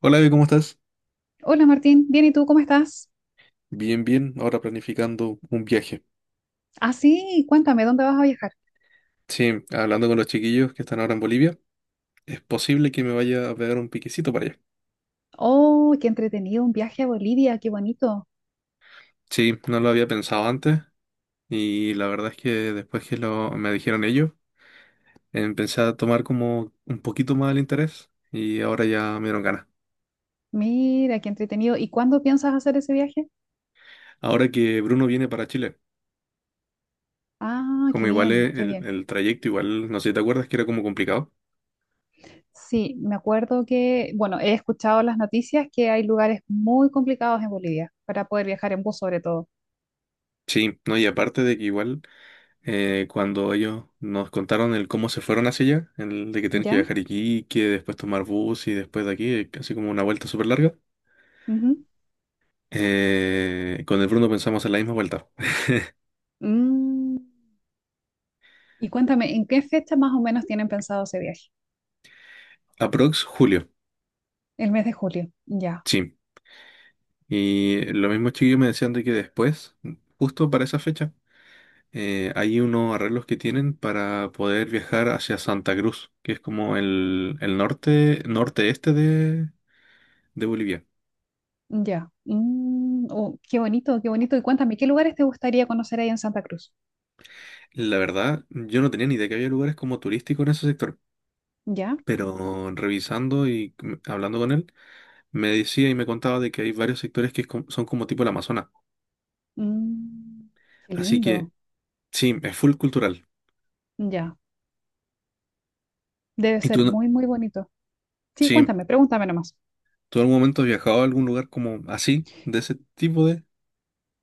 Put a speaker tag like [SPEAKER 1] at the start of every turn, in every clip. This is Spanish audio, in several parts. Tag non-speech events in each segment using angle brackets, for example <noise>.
[SPEAKER 1] Hola, Evi, ¿cómo estás?
[SPEAKER 2] Hola Martín, bien, ¿y tú cómo estás?
[SPEAKER 1] Bien, bien. Ahora planificando un viaje.
[SPEAKER 2] Ah, sí, cuéntame, ¿dónde vas a viajar?
[SPEAKER 1] Sí, hablando con los chiquillos que están ahora en Bolivia, es posible que me vaya a pegar un piquecito para allá.
[SPEAKER 2] Oh, qué entretenido, un viaje a Bolivia, qué bonito.
[SPEAKER 1] Sí, no lo había pensado antes y la verdad es que después que lo, me dijeron ellos, empecé a tomar como un poquito más el interés y ahora ya me dieron ganas.
[SPEAKER 2] Mira, qué entretenido. ¿Y cuándo piensas hacer ese viaje?
[SPEAKER 1] Ahora que Bruno viene para Chile,
[SPEAKER 2] Ah,
[SPEAKER 1] como
[SPEAKER 2] qué
[SPEAKER 1] igual
[SPEAKER 2] bien,
[SPEAKER 1] es
[SPEAKER 2] qué
[SPEAKER 1] el,
[SPEAKER 2] bien.
[SPEAKER 1] el trayecto, igual, no sé si te acuerdas que era como complicado.
[SPEAKER 2] Sí, me acuerdo que, bueno, he escuchado las noticias que hay lugares muy complicados en Bolivia para poder viajar en bus sobre todo.
[SPEAKER 1] Sí, no, y aparte de que igual cuando ellos nos contaron el cómo se fueron hacia allá, el de que tienen que
[SPEAKER 2] ¿Ya?
[SPEAKER 1] viajar a Iquique, después tomar bus y después de aquí, casi como una vuelta súper larga.
[SPEAKER 2] Ujú.
[SPEAKER 1] Con el Bruno pensamos en la misma vuelta.
[SPEAKER 2] Mm. Y cuéntame, ¿en qué fecha más o menos tienen pensado ese viaje?
[SPEAKER 1] Aprox julio,
[SPEAKER 2] El mes de julio. Ya.
[SPEAKER 1] sí. Y lo mismo chiquillos me decían de que después, justo para esa fecha, hay unos arreglos que tienen para poder viajar hacia Santa Cruz, que es como el norte, norte-este de Bolivia.
[SPEAKER 2] Ya. Mm, oh, qué bonito, qué bonito. Y cuéntame, ¿qué lugares te gustaría conocer ahí en Santa Cruz?
[SPEAKER 1] La verdad, yo no tenía ni idea que había lugares como turísticos en ese sector.
[SPEAKER 2] Ya.
[SPEAKER 1] Pero revisando y hablando con él, me decía y me contaba de que hay varios sectores que es son como tipo el Amazonas.
[SPEAKER 2] Mm, qué
[SPEAKER 1] Así que
[SPEAKER 2] lindo.
[SPEAKER 1] sí, es full cultural.
[SPEAKER 2] Ya. Debe
[SPEAKER 1] ¿Y
[SPEAKER 2] ser
[SPEAKER 1] tú, no-
[SPEAKER 2] muy, muy bonito. Sí,
[SPEAKER 1] Sí,
[SPEAKER 2] cuéntame, pregúntame nomás.
[SPEAKER 1] tú en algún momento has viajado a algún lugar como así, de ese tipo de...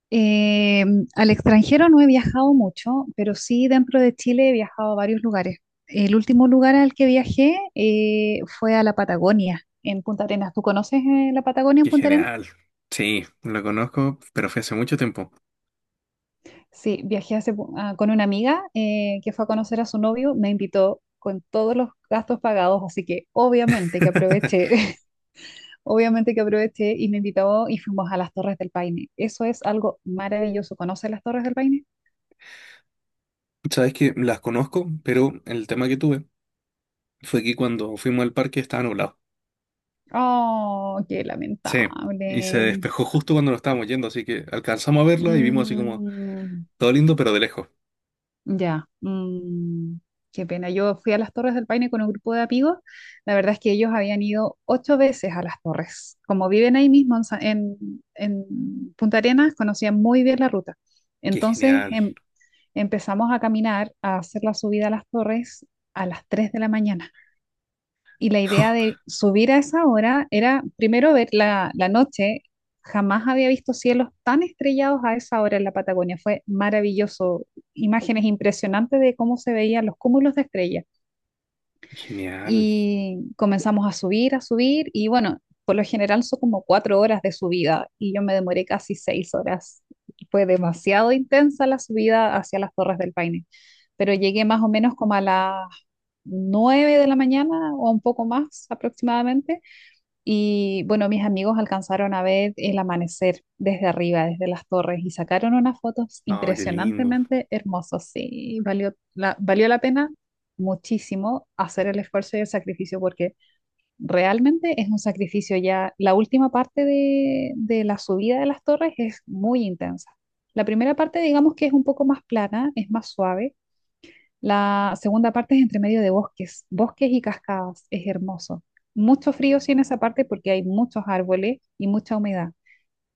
[SPEAKER 2] Eh, al extranjero no he viajado mucho, pero sí dentro de Chile he viajado a varios lugares. El último lugar al que viajé fue a la Patagonia, en Punta Arenas. ¿Tú conoces la Patagonia en
[SPEAKER 1] Qué
[SPEAKER 2] Punta Arenas?
[SPEAKER 1] genial. Sí, lo conozco, pero fue hace mucho tiempo.
[SPEAKER 2] Sí, viajé con una amiga que fue a conocer a su novio, me invitó con todos los gastos pagados, así que obviamente que aproveché,
[SPEAKER 1] <laughs>
[SPEAKER 2] <laughs> obviamente que aproveché y me invitó y fuimos a las Torres del Paine. Eso es algo maravilloso. ¿Conoces las Torres del Paine?
[SPEAKER 1] Sabes que las conozco, pero el tema que tuve fue que cuando fuimos al parque estaba nublado.
[SPEAKER 2] Oh, qué
[SPEAKER 1] Sí. Y se
[SPEAKER 2] lamentable.
[SPEAKER 1] despejó justo cuando nos estábamos yendo, así que alcanzamos a verla y vimos así como
[SPEAKER 2] Mm.
[SPEAKER 1] todo lindo, pero de lejos.
[SPEAKER 2] Ya, mm, qué pena. Yo fui a las Torres del Paine con un grupo de amigos. La verdad es que ellos habían ido ocho veces a las Torres. Como viven ahí mismo en Punta Arenas, conocían muy bien la ruta.
[SPEAKER 1] Qué
[SPEAKER 2] Entonces
[SPEAKER 1] genial.
[SPEAKER 2] empezamos a caminar, a hacer la subida a las Torres a las 3 de la mañana. Y la idea
[SPEAKER 1] <laughs>
[SPEAKER 2] de subir a esa hora era primero ver la noche. Jamás había visto cielos tan estrellados a esa hora en la Patagonia. Fue maravilloso. Imágenes impresionantes de cómo se veían los cúmulos de estrellas
[SPEAKER 1] Genial.
[SPEAKER 2] y comenzamos a subir y bueno, por lo general son como 4 horas de subida y yo me demoré casi 6 horas. Fue demasiado intensa la subida hacia las Torres del Paine, pero llegué más o menos como a las 9 de la mañana o un poco más aproximadamente y bueno, mis amigos alcanzaron a ver el amanecer desde arriba, desde las torres, y sacaron unas fotos
[SPEAKER 1] No, qué lindo.
[SPEAKER 2] impresionantemente hermosas. Sí, valió la pena muchísimo hacer el esfuerzo y el sacrificio, porque realmente es un sacrificio ya. La última parte de la subida de las torres es muy intensa. La primera parte, digamos que es un poco más plana, es más suave. La segunda parte es entre medio de bosques, bosques y cascadas, es hermoso. Mucho frío sí en esa parte porque hay muchos árboles y mucha humedad,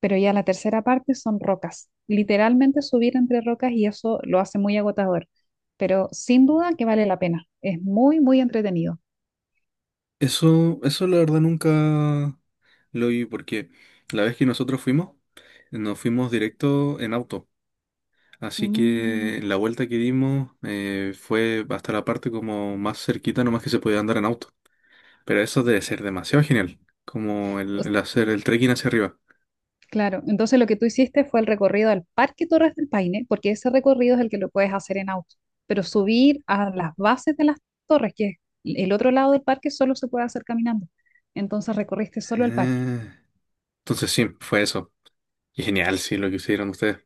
[SPEAKER 2] pero ya la tercera parte son rocas, literalmente subir entre rocas y eso lo hace muy agotador, pero sin duda que vale la pena, es muy, muy entretenido.
[SPEAKER 1] Eso la verdad nunca lo vi porque la vez que nosotros fuimos, nos fuimos directo en auto. Así
[SPEAKER 2] Mm.
[SPEAKER 1] que la vuelta que dimos fue hasta la parte como más cerquita, nomás que se podía andar en auto. Pero eso debe ser demasiado genial, como el hacer el trekking hacia arriba.
[SPEAKER 2] Claro, entonces lo que tú hiciste fue el recorrido al Parque Torres del Paine, porque ese recorrido es el que lo puedes hacer en auto, pero subir a las bases de las torres, que es el otro lado del parque, solo se puede hacer caminando. Entonces recorriste solo el parque.
[SPEAKER 1] Ah, entonces sí, fue eso. Y genial, sí, lo que hicieron ustedes.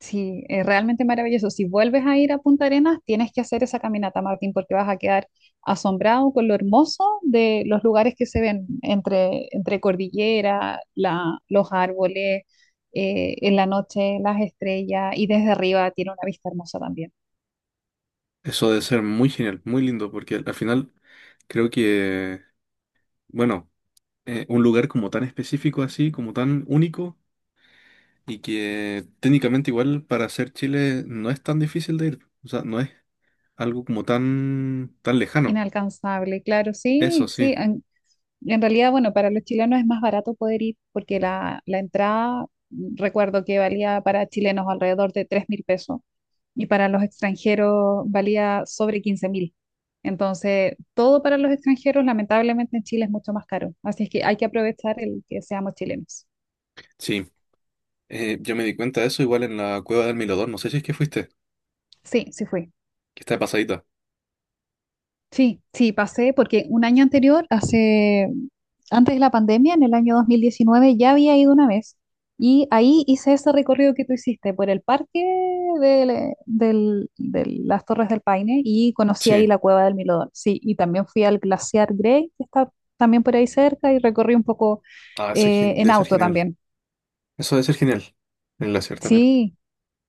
[SPEAKER 2] Sí, es realmente maravilloso. Si vuelves a ir a Punta Arenas, tienes que hacer esa caminata, Martín, porque vas a quedar asombrado con lo hermoso de los lugares que se ven entre cordillera, la, los árboles, en la noche las estrellas y desde arriba tiene una vista hermosa también.
[SPEAKER 1] Eso debe ser muy genial, muy lindo, porque al al final creo que, bueno, un lugar como tan específico así, como tan único, y que técnicamente igual para hacer Chile no es tan difícil de ir. O sea, no es algo como tan, tan lejano.
[SPEAKER 2] Inalcanzable, claro, sí,
[SPEAKER 1] Eso sí.
[SPEAKER 2] sí. En realidad, bueno, para los chilenos es más barato poder ir porque la entrada, recuerdo que valía para chilenos alrededor de 3.000 pesos y para los extranjeros valía sobre 15.000. Entonces, todo para los extranjeros, lamentablemente en Chile es mucho más caro. Así es que hay que aprovechar el que seamos chilenos.
[SPEAKER 1] Sí. Yo me di cuenta de eso igual en la cueva del Milodón. No sé si es que fuiste,
[SPEAKER 2] Sí, sí fui.
[SPEAKER 1] que está de pasadita.
[SPEAKER 2] Sí, sí, pasé porque un año anterior, hace, antes de la pandemia, en el año 2019 ya había ido una vez y ahí hice ese recorrido que tú hiciste por el parque del- de las Torres del Paine y conocí ahí
[SPEAKER 1] Sí.
[SPEAKER 2] la Cueva del Milodón. Sí, y también fui al Glaciar Grey, que está también por ahí cerca, y recorrí un poco
[SPEAKER 1] Ah, eso es
[SPEAKER 2] en
[SPEAKER 1] debe ser
[SPEAKER 2] auto
[SPEAKER 1] genial.
[SPEAKER 2] también.
[SPEAKER 1] Eso debe ser genial. En la cierta también.
[SPEAKER 2] Sí,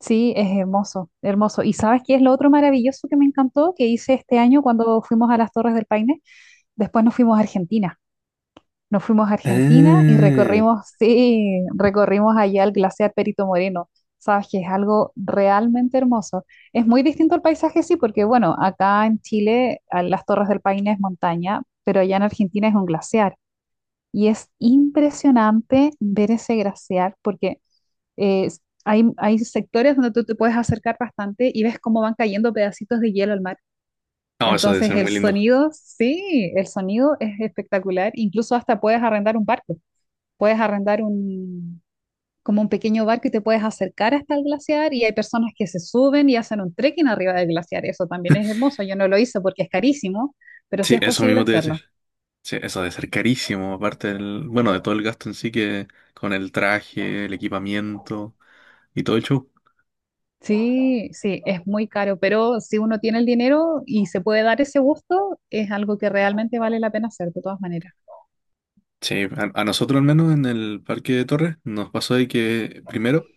[SPEAKER 2] sí, es hermoso, hermoso. ¿Y sabes qué es lo otro maravilloso que me encantó que hice este año cuando fuimos a las Torres del Paine? Después nos fuimos a Argentina. Nos fuimos a Argentina y
[SPEAKER 1] Ah,
[SPEAKER 2] recorrimos, sí, recorrimos allá el glaciar Perito Moreno. Sabes que es algo realmente hermoso. Es muy distinto el paisaje, sí, porque bueno, acá en Chile a las Torres del Paine es montaña, pero allá en Argentina es un glaciar. Y es impresionante ver ese glaciar porque eh, hay sectores donde tú te puedes acercar bastante y ves cómo van cayendo pedacitos de hielo al mar.
[SPEAKER 1] no, eso debe
[SPEAKER 2] Entonces
[SPEAKER 1] ser
[SPEAKER 2] el
[SPEAKER 1] muy lindo.
[SPEAKER 2] sonido, sí, el sonido es espectacular. Incluso hasta puedes arrendar un barco. Puedes arrendar un, como un pequeño barco y te puedes acercar hasta el glaciar y hay personas que se suben y hacen un trekking arriba del glaciar. Eso también es hermoso. Yo no lo hice porque es carísimo, pero sí
[SPEAKER 1] Sí,
[SPEAKER 2] es
[SPEAKER 1] eso
[SPEAKER 2] posible
[SPEAKER 1] mismo te iba a decir.
[SPEAKER 2] hacerlo.
[SPEAKER 1] Sí, eso debe ser carísimo, aparte del, bueno, de todo el gasto en sí que con el traje, el equipamiento y todo el show.
[SPEAKER 2] Sí, sí, es muy caro, pero si uno tiene el dinero y se puede dar ese gusto, es algo que realmente vale la pena hacer de todas maneras.
[SPEAKER 1] Sí, a nosotros al menos en el Parque de Torres nos pasó de que primero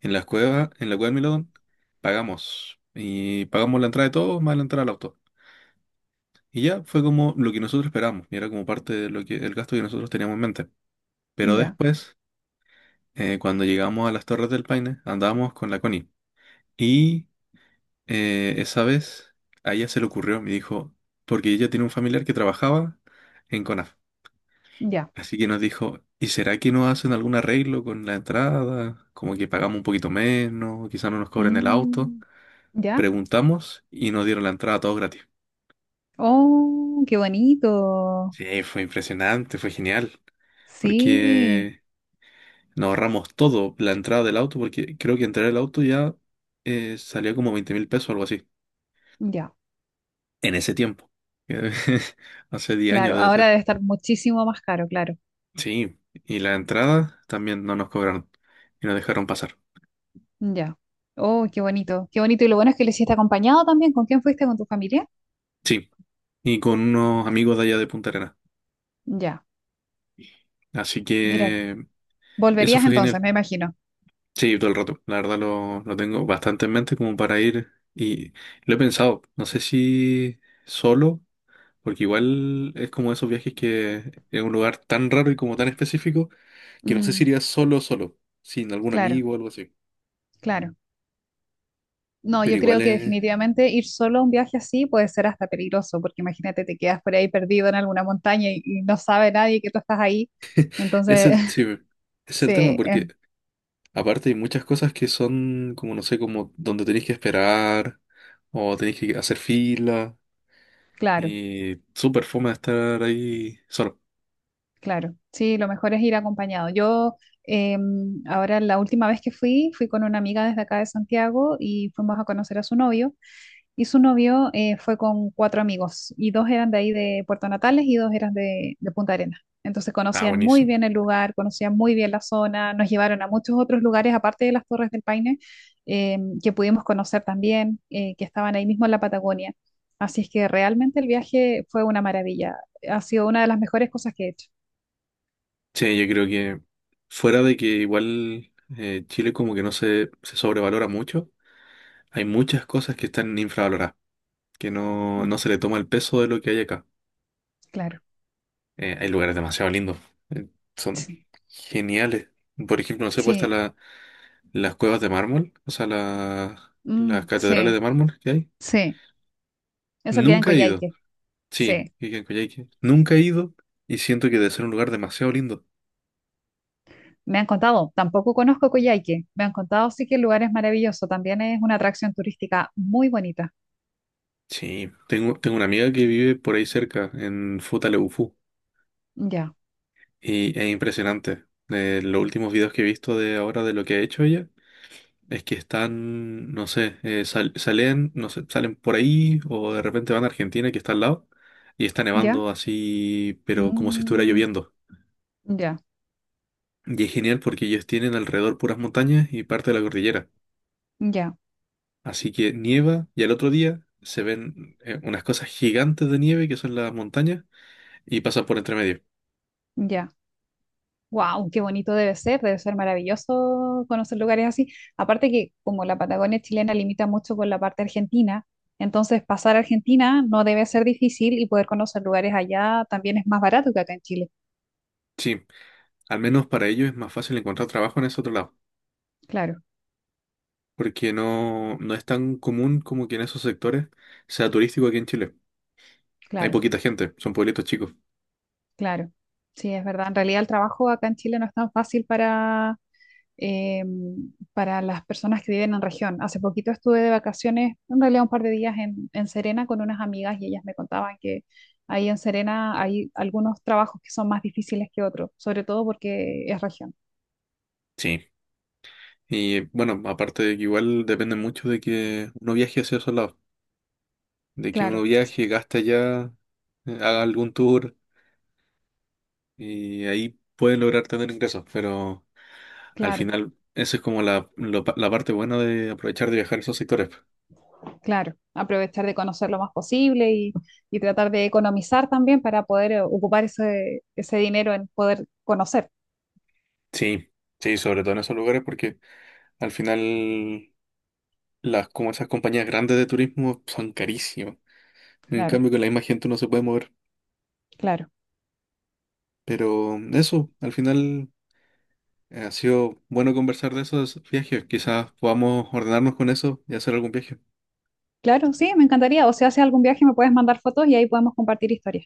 [SPEAKER 1] en las cuevas, en la cueva del Milodón, pagamos y pagamos la entrada de todos más la entrada al auto. Y ya fue como lo que nosotros esperamos, y era como parte de lo que el gasto que nosotros teníamos en mente. Pero
[SPEAKER 2] Ya,
[SPEAKER 1] después, cuando llegamos a las Torres del Paine, andábamos con la Connie. Y esa vez a ella se le ocurrió, me dijo, porque ella tiene un familiar que trabajaba en CONAF.
[SPEAKER 2] ya.
[SPEAKER 1] Así que nos dijo, ¿y será que no hacen algún arreglo con la entrada? Como que pagamos un poquito menos, quizá no nos cobren el auto.
[SPEAKER 2] Mm, ya.
[SPEAKER 1] Preguntamos y nos dieron la entrada todo gratis.
[SPEAKER 2] Oh, qué bonito.
[SPEAKER 1] Sí, fue impresionante, fue genial,
[SPEAKER 2] Sí,
[SPEAKER 1] porque nos ahorramos todo, la entrada del auto, porque creo que entrar el auto ya salía como 20.000 pesos o algo así,
[SPEAKER 2] ya,
[SPEAKER 1] en ese tiempo. <laughs> Hace 10 años
[SPEAKER 2] claro.
[SPEAKER 1] debe ser.
[SPEAKER 2] Ahora debe estar muchísimo más caro, claro.
[SPEAKER 1] Sí, y la entrada también no nos cobraron y nos dejaron pasar.
[SPEAKER 2] Ya. Oh, qué bonito, qué bonito. Y lo bueno es que lo hiciste acompañado también. ¿Con quién fuiste? ¿Con tu familia?
[SPEAKER 1] Sí, y con unos amigos de allá de Punta Arenas.
[SPEAKER 2] Ya,
[SPEAKER 1] Así
[SPEAKER 2] mira,
[SPEAKER 1] que eso
[SPEAKER 2] volverías
[SPEAKER 1] fue
[SPEAKER 2] entonces,
[SPEAKER 1] genial.
[SPEAKER 2] me imagino.
[SPEAKER 1] Sí, todo el rato. La verdad lo tengo bastante en mente como para ir y lo he pensado. No sé si solo, porque igual es como esos viajes que es un lugar tan raro y como tan específico que no sé si
[SPEAKER 2] Mm,
[SPEAKER 1] iría solo, solo, sin algún
[SPEAKER 2] claro,
[SPEAKER 1] amigo o algo así.
[SPEAKER 2] claro. No,
[SPEAKER 1] Pero
[SPEAKER 2] yo
[SPEAKER 1] igual
[SPEAKER 2] creo que definitivamente ir solo a un viaje así puede ser hasta peligroso, porque imagínate, te quedas por ahí perdido en alguna montaña y no sabe nadie que tú estás ahí.
[SPEAKER 1] es
[SPEAKER 2] Entonces,
[SPEAKER 1] el, sí,
[SPEAKER 2] <laughs>
[SPEAKER 1] es el tema
[SPEAKER 2] sí, es
[SPEAKER 1] porque... Aparte hay muchas cosas que son como, no sé, como donde tenéis que esperar o tenéis que hacer fila
[SPEAKER 2] claro.
[SPEAKER 1] y súper fome estar ahí solo.
[SPEAKER 2] Claro, sí, lo mejor es ir acompañado. Yo ahora la última vez que fui, fui con una amiga desde acá de Santiago y fuimos a conocer a su novio. Y su novio fue con cuatro amigos y dos eran de ahí de Puerto Natales y dos eran de Punta Arenas. Entonces
[SPEAKER 1] Ah,
[SPEAKER 2] conocían muy
[SPEAKER 1] buenísimo.
[SPEAKER 2] bien el lugar, conocían muy bien la zona, nos llevaron a muchos otros lugares aparte de las Torres del Paine que pudimos conocer también, que estaban ahí mismo en la Patagonia. Así es que realmente el viaje fue una maravilla, ha sido una de las mejores cosas que he hecho.
[SPEAKER 1] Sí, yo creo que fuera de que igual Chile como que no se, se sobrevalora mucho, hay muchas cosas que están infravaloradas, que no
[SPEAKER 2] Mm.
[SPEAKER 1] se le toma el peso de lo que hay acá.
[SPEAKER 2] Claro,
[SPEAKER 1] Hay lugares demasiado lindos, eh, son
[SPEAKER 2] sí,
[SPEAKER 1] geniales. Por ejemplo, no sé, pues está
[SPEAKER 2] sí,
[SPEAKER 1] la, las cuevas de mármol, o sea, las
[SPEAKER 2] mm,
[SPEAKER 1] catedrales
[SPEAKER 2] sí,
[SPEAKER 1] de mármol que hay.
[SPEAKER 2] sí, eso queda en
[SPEAKER 1] Nunca he ido.
[SPEAKER 2] Coyhaique,
[SPEAKER 1] Sí,
[SPEAKER 2] sí,
[SPEAKER 1] y en Coyhaique. Nunca he ido y siento que debe ser un lugar demasiado lindo.
[SPEAKER 2] me han contado, tampoco conozco Coyhaique, me han contado sí que el lugar es maravilloso, también es una atracción turística muy bonita,
[SPEAKER 1] Sí, tengo una amiga que vive por ahí cerca, en Futaleufú,
[SPEAKER 2] ya,
[SPEAKER 1] y es impresionante. Los últimos videos que he visto de ahora de lo que ha hecho ella es que están, no sé, salen, no sé, salen por ahí o de repente van a Argentina que está al lado y está
[SPEAKER 2] ya,
[SPEAKER 1] nevando así, pero como si estuviera
[SPEAKER 2] mm,
[SPEAKER 1] lloviendo.
[SPEAKER 2] ya,
[SPEAKER 1] Y es genial porque ellos tienen alrededor puras montañas y parte de la cordillera.
[SPEAKER 2] ya,
[SPEAKER 1] Así que nieva y al otro día se ven unas cosas gigantes de nieve que son las montañas y pasan por entre medio.
[SPEAKER 2] ya, wow, qué bonito debe ser maravilloso conocer lugares así, aparte que como la Patagonia chilena limita mucho con la parte argentina, entonces pasar a Argentina no debe ser difícil y poder conocer lugares allá también es más barato que acá en Chile,
[SPEAKER 1] Sí, al menos para ellos es más fácil encontrar trabajo en ese otro lado,
[SPEAKER 2] claro.
[SPEAKER 1] porque no es tan común como que en esos sectores sea turístico aquí en Chile. Hay
[SPEAKER 2] Claro,
[SPEAKER 1] poquita gente, son pueblitos chicos.
[SPEAKER 2] claro. Sí, es verdad. En realidad el trabajo acá en Chile no es tan fácil eh, para las personas que viven en región. Hace poquito estuve de vacaciones, en realidad un par de días en Serena con unas amigas y ellas me contaban que ahí en Serena hay algunos trabajos que son más difíciles que otros, sobre todo porque es región.
[SPEAKER 1] Sí. Y bueno, aparte de que igual depende mucho de que uno viaje hacia esos lados, de que uno
[SPEAKER 2] Claro,
[SPEAKER 1] viaje, gaste allá, haga algún tour. Y ahí pueden lograr tener ingresos, pero al
[SPEAKER 2] claro,
[SPEAKER 1] final eso es como la, lo la parte buena de aprovechar de viajar a esos sectores.
[SPEAKER 2] claro. Aprovechar de conocer lo más posible y tratar de economizar también para poder ocupar ese dinero en poder conocer.
[SPEAKER 1] Sí, sí, sobre todo en esos lugares porque al final las, como esas compañías grandes de turismo son carísimas. En
[SPEAKER 2] Claro,
[SPEAKER 1] cambio con la misma gente uno se puede mover.
[SPEAKER 2] claro.
[SPEAKER 1] Pero eso, al final ha sido bueno conversar de esos viajes. Quizás podamos ordenarnos con eso y hacer algún viaje.
[SPEAKER 2] Claro, sí, me encantaría. O si haces algún viaje, me puedes mandar fotos y ahí podemos compartir historias.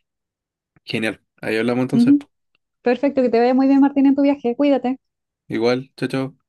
[SPEAKER 1] Genial. Ahí hablamos entonces.
[SPEAKER 2] Ujú. Perfecto, que te vaya muy bien, Martín, en tu viaje. Cuídate.
[SPEAKER 1] Igual, chao, chao.